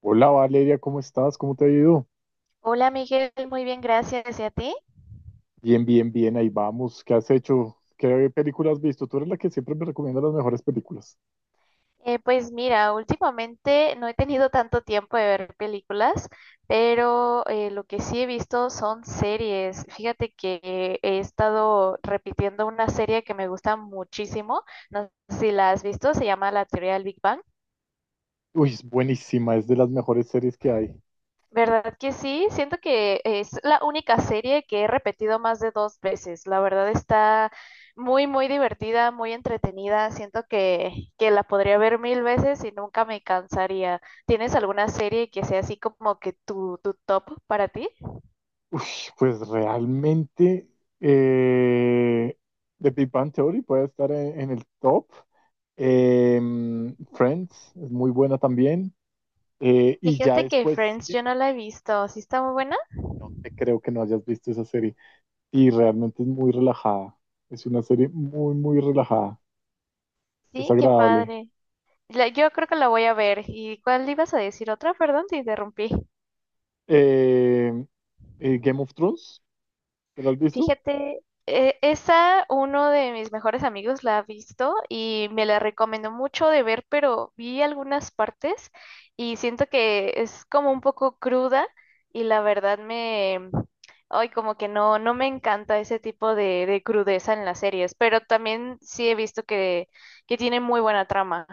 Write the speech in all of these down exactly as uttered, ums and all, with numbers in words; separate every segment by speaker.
Speaker 1: Hola Valeria, ¿cómo estás? ¿Cómo te ha ido?
Speaker 2: Hola Miguel, muy bien, gracias. ¿Y a ti?
Speaker 1: Bien, bien, bien, ahí vamos. ¿Qué has hecho? ¿Qué películas has visto? Tú eres la que siempre me recomienda las mejores películas.
Speaker 2: Eh, pues mira, últimamente no he tenido tanto tiempo de ver películas, pero eh, lo que sí he visto son series. Fíjate que he estado repitiendo una serie que me gusta muchísimo, no sé si la has visto, se llama La Teoría del Big Bang.
Speaker 1: Uy, es buenísima, es de las mejores series que hay.
Speaker 2: ¿Verdad que sí? Siento que es la única serie que he repetido más de dos veces. La verdad está muy, muy divertida, muy entretenida. Siento que, que la podría ver mil veces y nunca me cansaría. ¿Tienes alguna serie que sea así como que tu, tu top para ti?
Speaker 1: Uy, pues realmente eh, The Big Bang Theory puede estar en, en el top. Em, Friends es muy buena también. Eh, y ya
Speaker 2: Fíjate que
Speaker 1: después,
Speaker 2: Friends yo
Speaker 1: ye-
Speaker 2: no la he visto. ¿Sí está muy buena?
Speaker 1: no te creo que no hayas visto esa serie. Y realmente es muy relajada. Es una serie muy, muy relajada. Es
Speaker 2: Sí, qué
Speaker 1: agradable.
Speaker 2: padre. La- yo creo que la voy a ver. ¿Y cuál ibas a decir otra? Perdón, te interrumpí.
Speaker 1: Eh, eh, Game of Thrones, ¿te la has visto?
Speaker 2: Fíjate, eh, esa uno de mis mejores amigos la ha visto y me la recomendó mucho de ver, pero vi algunas partes y siento que es como un poco cruda y la verdad me, ay, como que no, no me encanta ese tipo de, de crudeza en las series, pero también sí he visto que, que tiene muy buena trama.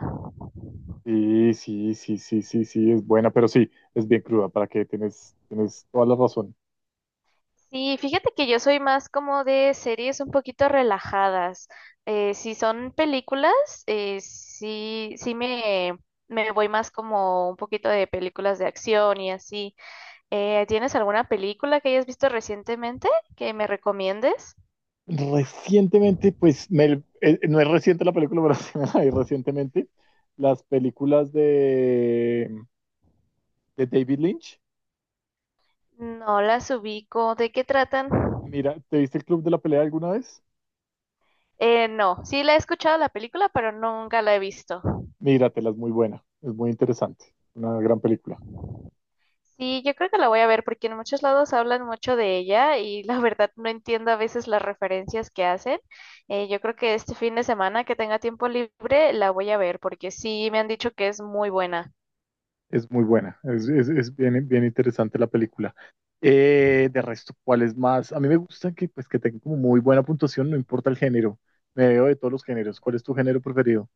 Speaker 1: Sí, sí, sí, sí, sí, sí, es buena, pero sí, es bien cruda, para que tienes, tienes toda la razón.
Speaker 2: Sí, fíjate que yo soy más como de series un poquito relajadas. Eh, si son películas, eh, sí, sí me, me voy más como un poquito de películas de acción y así. Eh, ¿tienes alguna película que hayas visto recientemente que me recomiendes?
Speaker 1: Recientemente, pues, me- eh, no es reciente la película, pero sí me la vi recientemente, las películas de, de David Lynch.
Speaker 2: No las ubico. ¿De qué tratan?
Speaker 1: Mira, ¿te viste el Club de la Pelea alguna vez?
Speaker 2: Eh, no, sí la he escuchado la película, pero nunca la he visto.
Speaker 1: Míratela, es muy buena, es muy interesante, una gran película.
Speaker 2: Sí, yo creo que la voy a ver porque en muchos lados hablan mucho de ella y la verdad no entiendo a veces las referencias que hacen. Eh, yo creo que este fin de semana que tenga tiempo libre la voy a ver porque sí me han dicho que es muy buena.
Speaker 1: Es muy buena, es, es- es bien, bien interesante la película. Eh, de resto, ¿cuál es más? A mí me gusta que, pues, que tenga como muy buena puntuación, no importa el género. Me veo de todos los géneros. ¿Cuál es tu género preferido?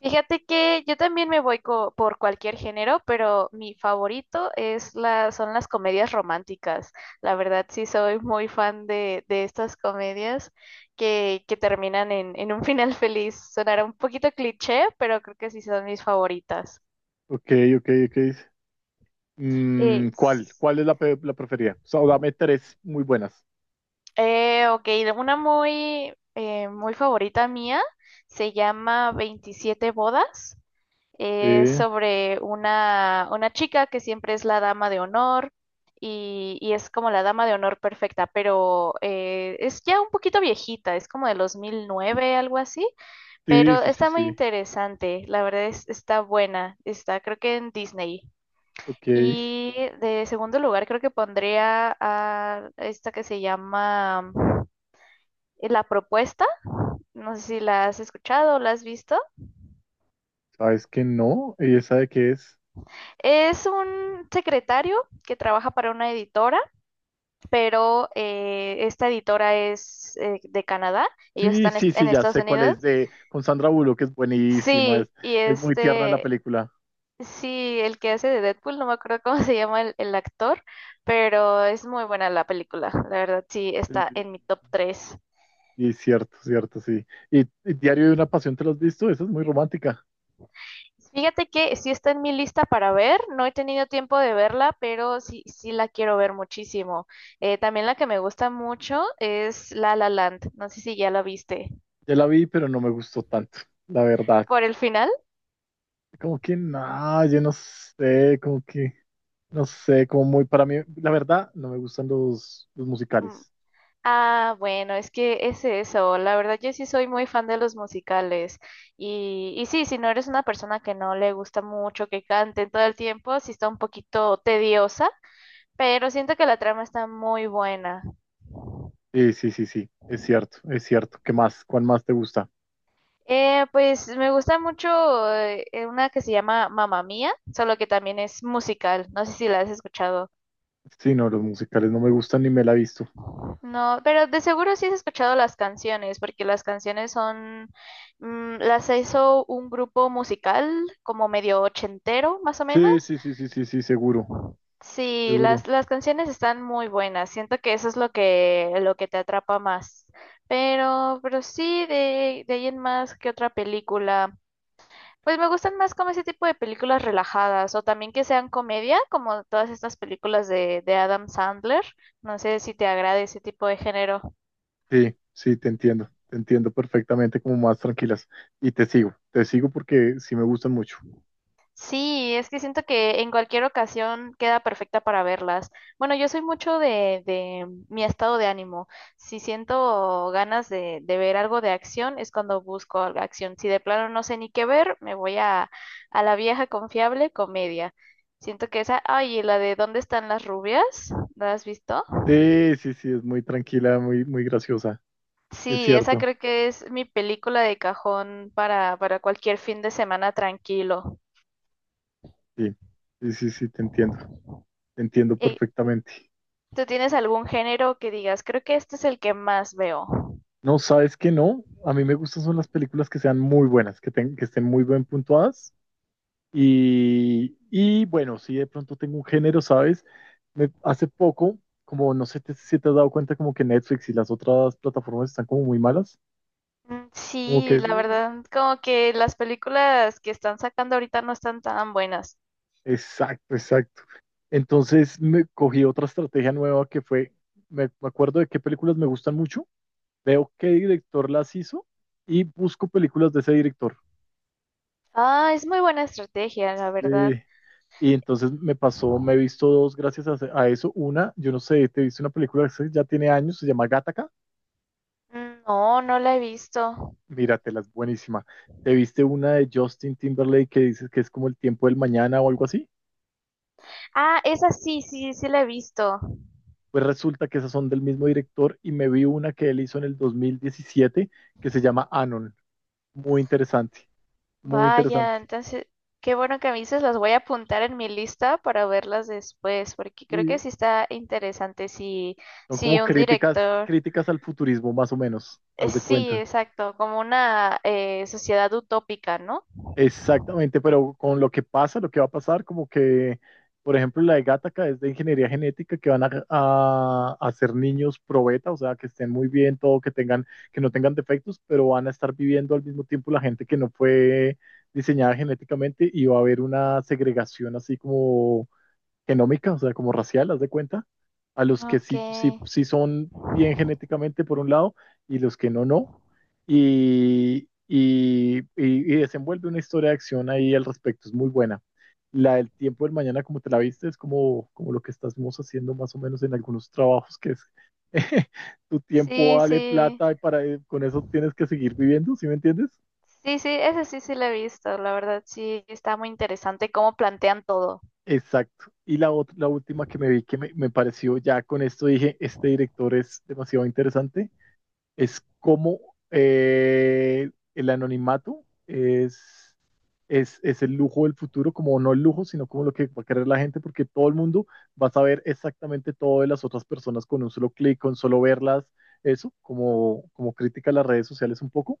Speaker 2: Fíjate que yo también me voy co- por cualquier género, pero mi favorito es la, son las comedias románticas. La verdad sí soy muy fan de, de estas comedias que, que terminan en, en un final feliz. Sonará un poquito cliché, pero creo que sí son mis favoritas.
Speaker 1: Ok, ok, ok.
Speaker 2: Eh,
Speaker 1: Mm, ¿cuál?
Speaker 2: s-
Speaker 1: ¿Cuál es la, pe- la preferida? O sea, dame tres muy buenas.
Speaker 2: eh, ok, una muy, eh, muy favorita mía se llama veintisiete bodas. Es
Speaker 1: Eh,
Speaker 2: sobre una, una chica que siempre es la dama de honor y, y es como la dama de honor perfecta, pero eh, es ya un poquito viejita, es como de los dos mil nueve, algo así,
Speaker 1: sí,
Speaker 2: pero
Speaker 1: sí, sí,
Speaker 2: está muy
Speaker 1: sí.
Speaker 2: interesante, la verdad es, está buena, está creo que en Disney.
Speaker 1: Ok.
Speaker 2: Y de segundo lugar creo que pondría a esta que se llama eh, La Propuesta. No sé si la has escuchado o la has visto.
Speaker 1: ¿Sabes que no? ¿Y esa de qué es?
Speaker 2: Es un secretario que trabaja para una editora, pero eh, esta editora es eh, de Canadá. Ellos
Speaker 1: Sí,
Speaker 2: están
Speaker 1: sí,
Speaker 2: est- en
Speaker 1: sí, ya
Speaker 2: Estados
Speaker 1: sé cuál
Speaker 2: Unidos.
Speaker 1: es de con Sandra Bullock, que es buenísima, es,
Speaker 2: Sí, y
Speaker 1: es muy tierna la
Speaker 2: este,
Speaker 1: película.
Speaker 2: sí, el que hace de Deadpool, no me acuerdo cómo se llama el, el actor, pero es muy buena la película. La verdad, sí, está en mi top tres.
Speaker 1: Y cierto, cierto, sí. Y, y Diario de una Pasión, ¿te lo has visto? Esa es muy romántica.
Speaker 2: Fíjate que sí está en mi lista para ver, no he tenido tiempo de verla, pero sí, sí la quiero ver muchísimo. Eh, también la que me gusta mucho es La La Land, no sé si ya la viste.
Speaker 1: Ya la vi, pero no me gustó tanto, la verdad.
Speaker 2: ¿Por el final?
Speaker 1: Como que nada, yo no sé, como que, no sé, como muy para mí, la verdad, no me gustan los, los
Speaker 2: Mm.
Speaker 1: musicales.
Speaker 2: Ah, bueno, es que es eso, la verdad yo sí soy muy fan de los musicales y, y sí, si no eres una persona que no le gusta mucho que canten todo el tiempo, sí está un poquito tediosa, pero siento que la trama está muy buena.
Speaker 1: Sí, sí, sí, sí, es cierto, es cierto. ¿Qué más? ¿Cuál más te gusta?
Speaker 2: Eh, pues me gusta mucho eh, eh, una que se llama Mamma Mía, solo que también es musical. No sé si la has escuchado.
Speaker 1: Sí, no, los musicales no me gustan ni me la he visto.
Speaker 2: No, pero de seguro sí has escuchado las canciones, porque las canciones son, mm, las hizo un grupo musical como medio ochentero, más o
Speaker 1: Sí,
Speaker 2: menos.
Speaker 1: sí, sí, sí, sí, sí, seguro,
Speaker 2: Sí, las,
Speaker 1: seguro.
Speaker 2: las canciones están muy buenas. Siento que eso es lo que, lo que te atrapa más. Pero, pero sí, de, de ahí en más, ¿qué otra película? Pues me gustan más como ese tipo de películas relajadas o también que sean comedia, como todas estas películas de, de Adam Sandler. No sé si te agrada ese tipo de género.
Speaker 1: Sí, sí, te entiendo, te entiendo perfectamente como más tranquilas. Y te sigo, te sigo porque sí me gustan mucho.
Speaker 2: Sí, es que siento que en cualquier ocasión queda perfecta para verlas. Bueno, yo soy mucho de, de mi estado de ánimo. Si siento ganas de, de ver algo de acción, es cuando busco algo de acción. Si de plano no sé ni qué ver, me voy a, a la vieja confiable comedia. Siento que esa, ay, y la de ¿Dónde están las rubias? ¿La has visto?
Speaker 1: Sí, sí, sí, es muy tranquila, muy, muy graciosa. Es
Speaker 2: Sí, esa
Speaker 1: cierto.
Speaker 2: creo que es mi película de cajón para, para cualquier fin de semana tranquilo.
Speaker 1: Sí, sí, sí, sí, te entiendo. Te entiendo
Speaker 2: Eh,
Speaker 1: perfectamente.
Speaker 2: ¿Tú tienes algún género que digas, creo que este es el que más veo?
Speaker 1: No, sabes que no. A mí me gustan son las películas que sean muy buenas, que, ten- que estén muy bien puntuadas. Y, y bueno, sí, de pronto tengo un género, ¿sabes? Me- hace poco, como no sé te- si te has dado cuenta, como que Netflix y las otras plataformas están como muy malas.
Speaker 2: Mm,
Speaker 1: Como
Speaker 2: sí,
Speaker 1: que
Speaker 2: la verdad, como que las películas que están sacando ahorita no están tan buenas.
Speaker 1: exacto, exacto. Entonces me cogí otra estrategia nueva que fue, me, me acuerdo de qué películas me gustan mucho, veo qué director las hizo y busco películas de ese director.
Speaker 2: Ah, es muy buena estrategia, la verdad.
Speaker 1: Eh, y entonces me pasó, me he visto dos gracias a, a eso. Una, yo no sé, te viste una película que ya tiene años, se llama Gattaca.
Speaker 2: Mm, no, no la he visto.
Speaker 1: Míratela, es buenísima. ¿Te viste una de Justin Timberlake que dices que es como el tiempo del mañana o algo así?
Speaker 2: Ah, esa sí, sí, sí la he visto.
Speaker 1: Pues resulta que esas son del mismo director y me vi una que él hizo en el dos mil diecisiete que se llama Anon. Muy interesante, muy
Speaker 2: Vaya,
Speaker 1: interesante.
Speaker 2: entonces, qué bueno que me dices, las voy a apuntar en mi lista para verlas después, porque creo que
Speaker 1: Y
Speaker 2: sí está interesante si,
Speaker 1: son
Speaker 2: si
Speaker 1: como
Speaker 2: un
Speaker 1: críticas,
Speaker 2: director.
Speaker 1: críticas al futurismo, más o menos,
Speaker 2: Eh,
Speaker 1: haz de
Speaker 2: Sí,
Speaker 1: cuenta.
Speaker 2: exacto, como una eh, sociedad utópica, ¿no?
Speaker 1: Exactamente, pero con lo que pasa, lo que va a pasar, como que, por ejemplo, la de Gattaca es de ingeniería genética, que van a, a, a hacer niños pro beta, o sea, que estén muy bien, todo, que tengan, que no tengan defectos, pero van a estar viviendo al mismo tiempo la gente que no fue diseñada genéticamente y va a haber una segregación así como genómica, o sea, como racial, haz de cuenta, a los que sí, sí,
Speaker 2: Okay.
Speaker 1: sí son bien genéticamente por un lado y los que no, no. Y, y, y- y desenvuelve una historia de acción ahí al respecto, es muy buena. La del tiempo del mañana, como te la viste, es como, como lo que estamos haciendo más o menos en algunos trabajos, que es tu tiempo
Speaker 2: Sí,
Speaker 1: vale
Speaker 2: sí.
Speaker 1: plata y para, con eso tienes que seguir viviendo, ¿sí me entiendes?
Speaker 2: Sí, sí, ese sí sí lo he visto, la verdad, sí, está muy interesante cómo plantean todo.
Speaker 1: Exacto. Y la, ot- la última que me vi que me, me pareció, ya con esto dije, este director es demasiado interesante, es cómo eh, el anonimato es, es, es el lujo del futuro, como no el lujo, sino como lo que va a querer la gente, porque todo el mundo va a saber exactamente todo de las otras personas con un solo clic, con solo verlas, eso, como, como crítica a las redes sociales un poco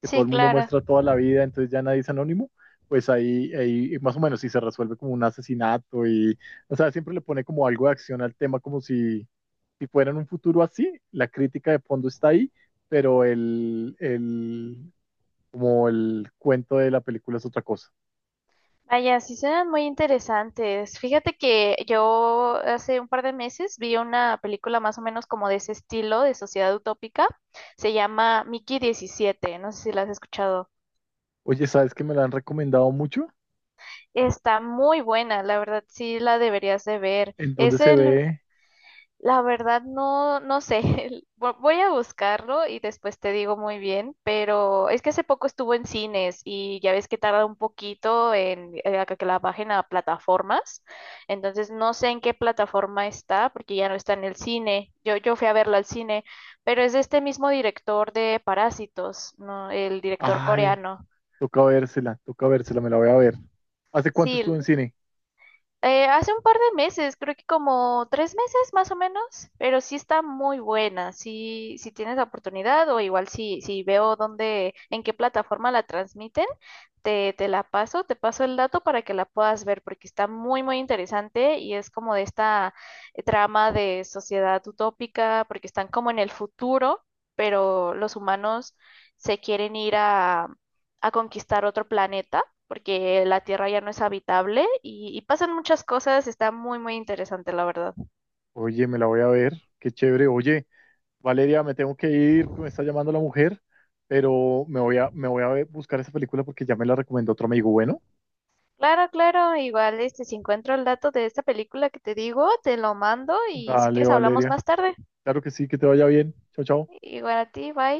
Speaker 1: que todo
Speaker 2: Sí,
Speaker 1: el mundo
Speaker 2: claro.
Speaker 1: muestra toda la vida, entonces ya nadie es anónimo, pues ahí, ahí más o menos si se resuelve como un asesinato y, o sea, siempre le pone como algo de acción al tema, como si, si fuera en un futuro así, la crítica de fondo está ahí, pero el, el, como el cuento de la película es otra cosa.
Speaker 2: Vaya, sí suenan muy interesantes. Fíjate que yo hace un par de meses vi una película más o menos como de ese estilo, de sociedad utópica. Se llama Mickey diecisiete, no sé si la has escuchado.
Speaker 1: Oye, ¿sabes que me la han recomendado mucho?
Speaker 2: Está muy buena, la verdad sí la deberías de ver.
Speaker 1: ¿En dónde
Speaker 2: Es
Speaker 1: se
Speaker 2: el,
Speaker 1: ve?
Speaker 2: la verdad no, no sé, vo- voy a buscarlo y después te digo muy bien, pero es que hace poco estuvo en cines y ya ves que tarda un poquito en, eh, a que la bajen a plataformas, entonces no sé en qué plataforma está porque ya no está en el cine. Yo, yo fui a verlo al cine, pero es de este mismo director de Parásitos, ¿no? El director
Speaker 1: Ay,
Speaker 2: coreano.
Speaker 1: toca vérsela, toca vérsela, me la voy a ver. ¿Hace cuánto estuvo en
Speaker 2: Sí,
Speaker 1: cine?
Speaker 2: Eh, hace un par de meses, creo que como tres meses más o menos, pero sí está muy buena. Si si tienes la oportunidad o igual si, si veo dónde, en qué plataforma la transmiten, te, te la paso, te paso el dato para que la puedas ver, porque está muy, muy interesante y es como de esta eh, trama de sociedad utópica, porque están como en el futuro, pero los humanos se quieren ir a, a conquistar otro planeta, porque la Tierra ya no es habitable y, y pasan muchas cosas, está muy, muy interesante, la verdad.
Speaker 1: Oye, me la voy a ver, qué chévere. Oye, Valeria, me tengo que ir porque me está llamando la mujer, pero me voy a, me voy a ver- buscar esa película porque ya me la recomendó otro amigo. Bueno,
Speaker 2: Claro, claro, igual este, si encuentro el dato de esta película que te digo, te lo mando y si
Speaker 1: dale,
Speaker 2: quieres hablamos
Speaker 1: Valeria.
Speaker 2: más tarde.
Speaker 1: Claro que sí, que te vaya bien. Chao, chao.
Speaker 2: Igual a ti, bye.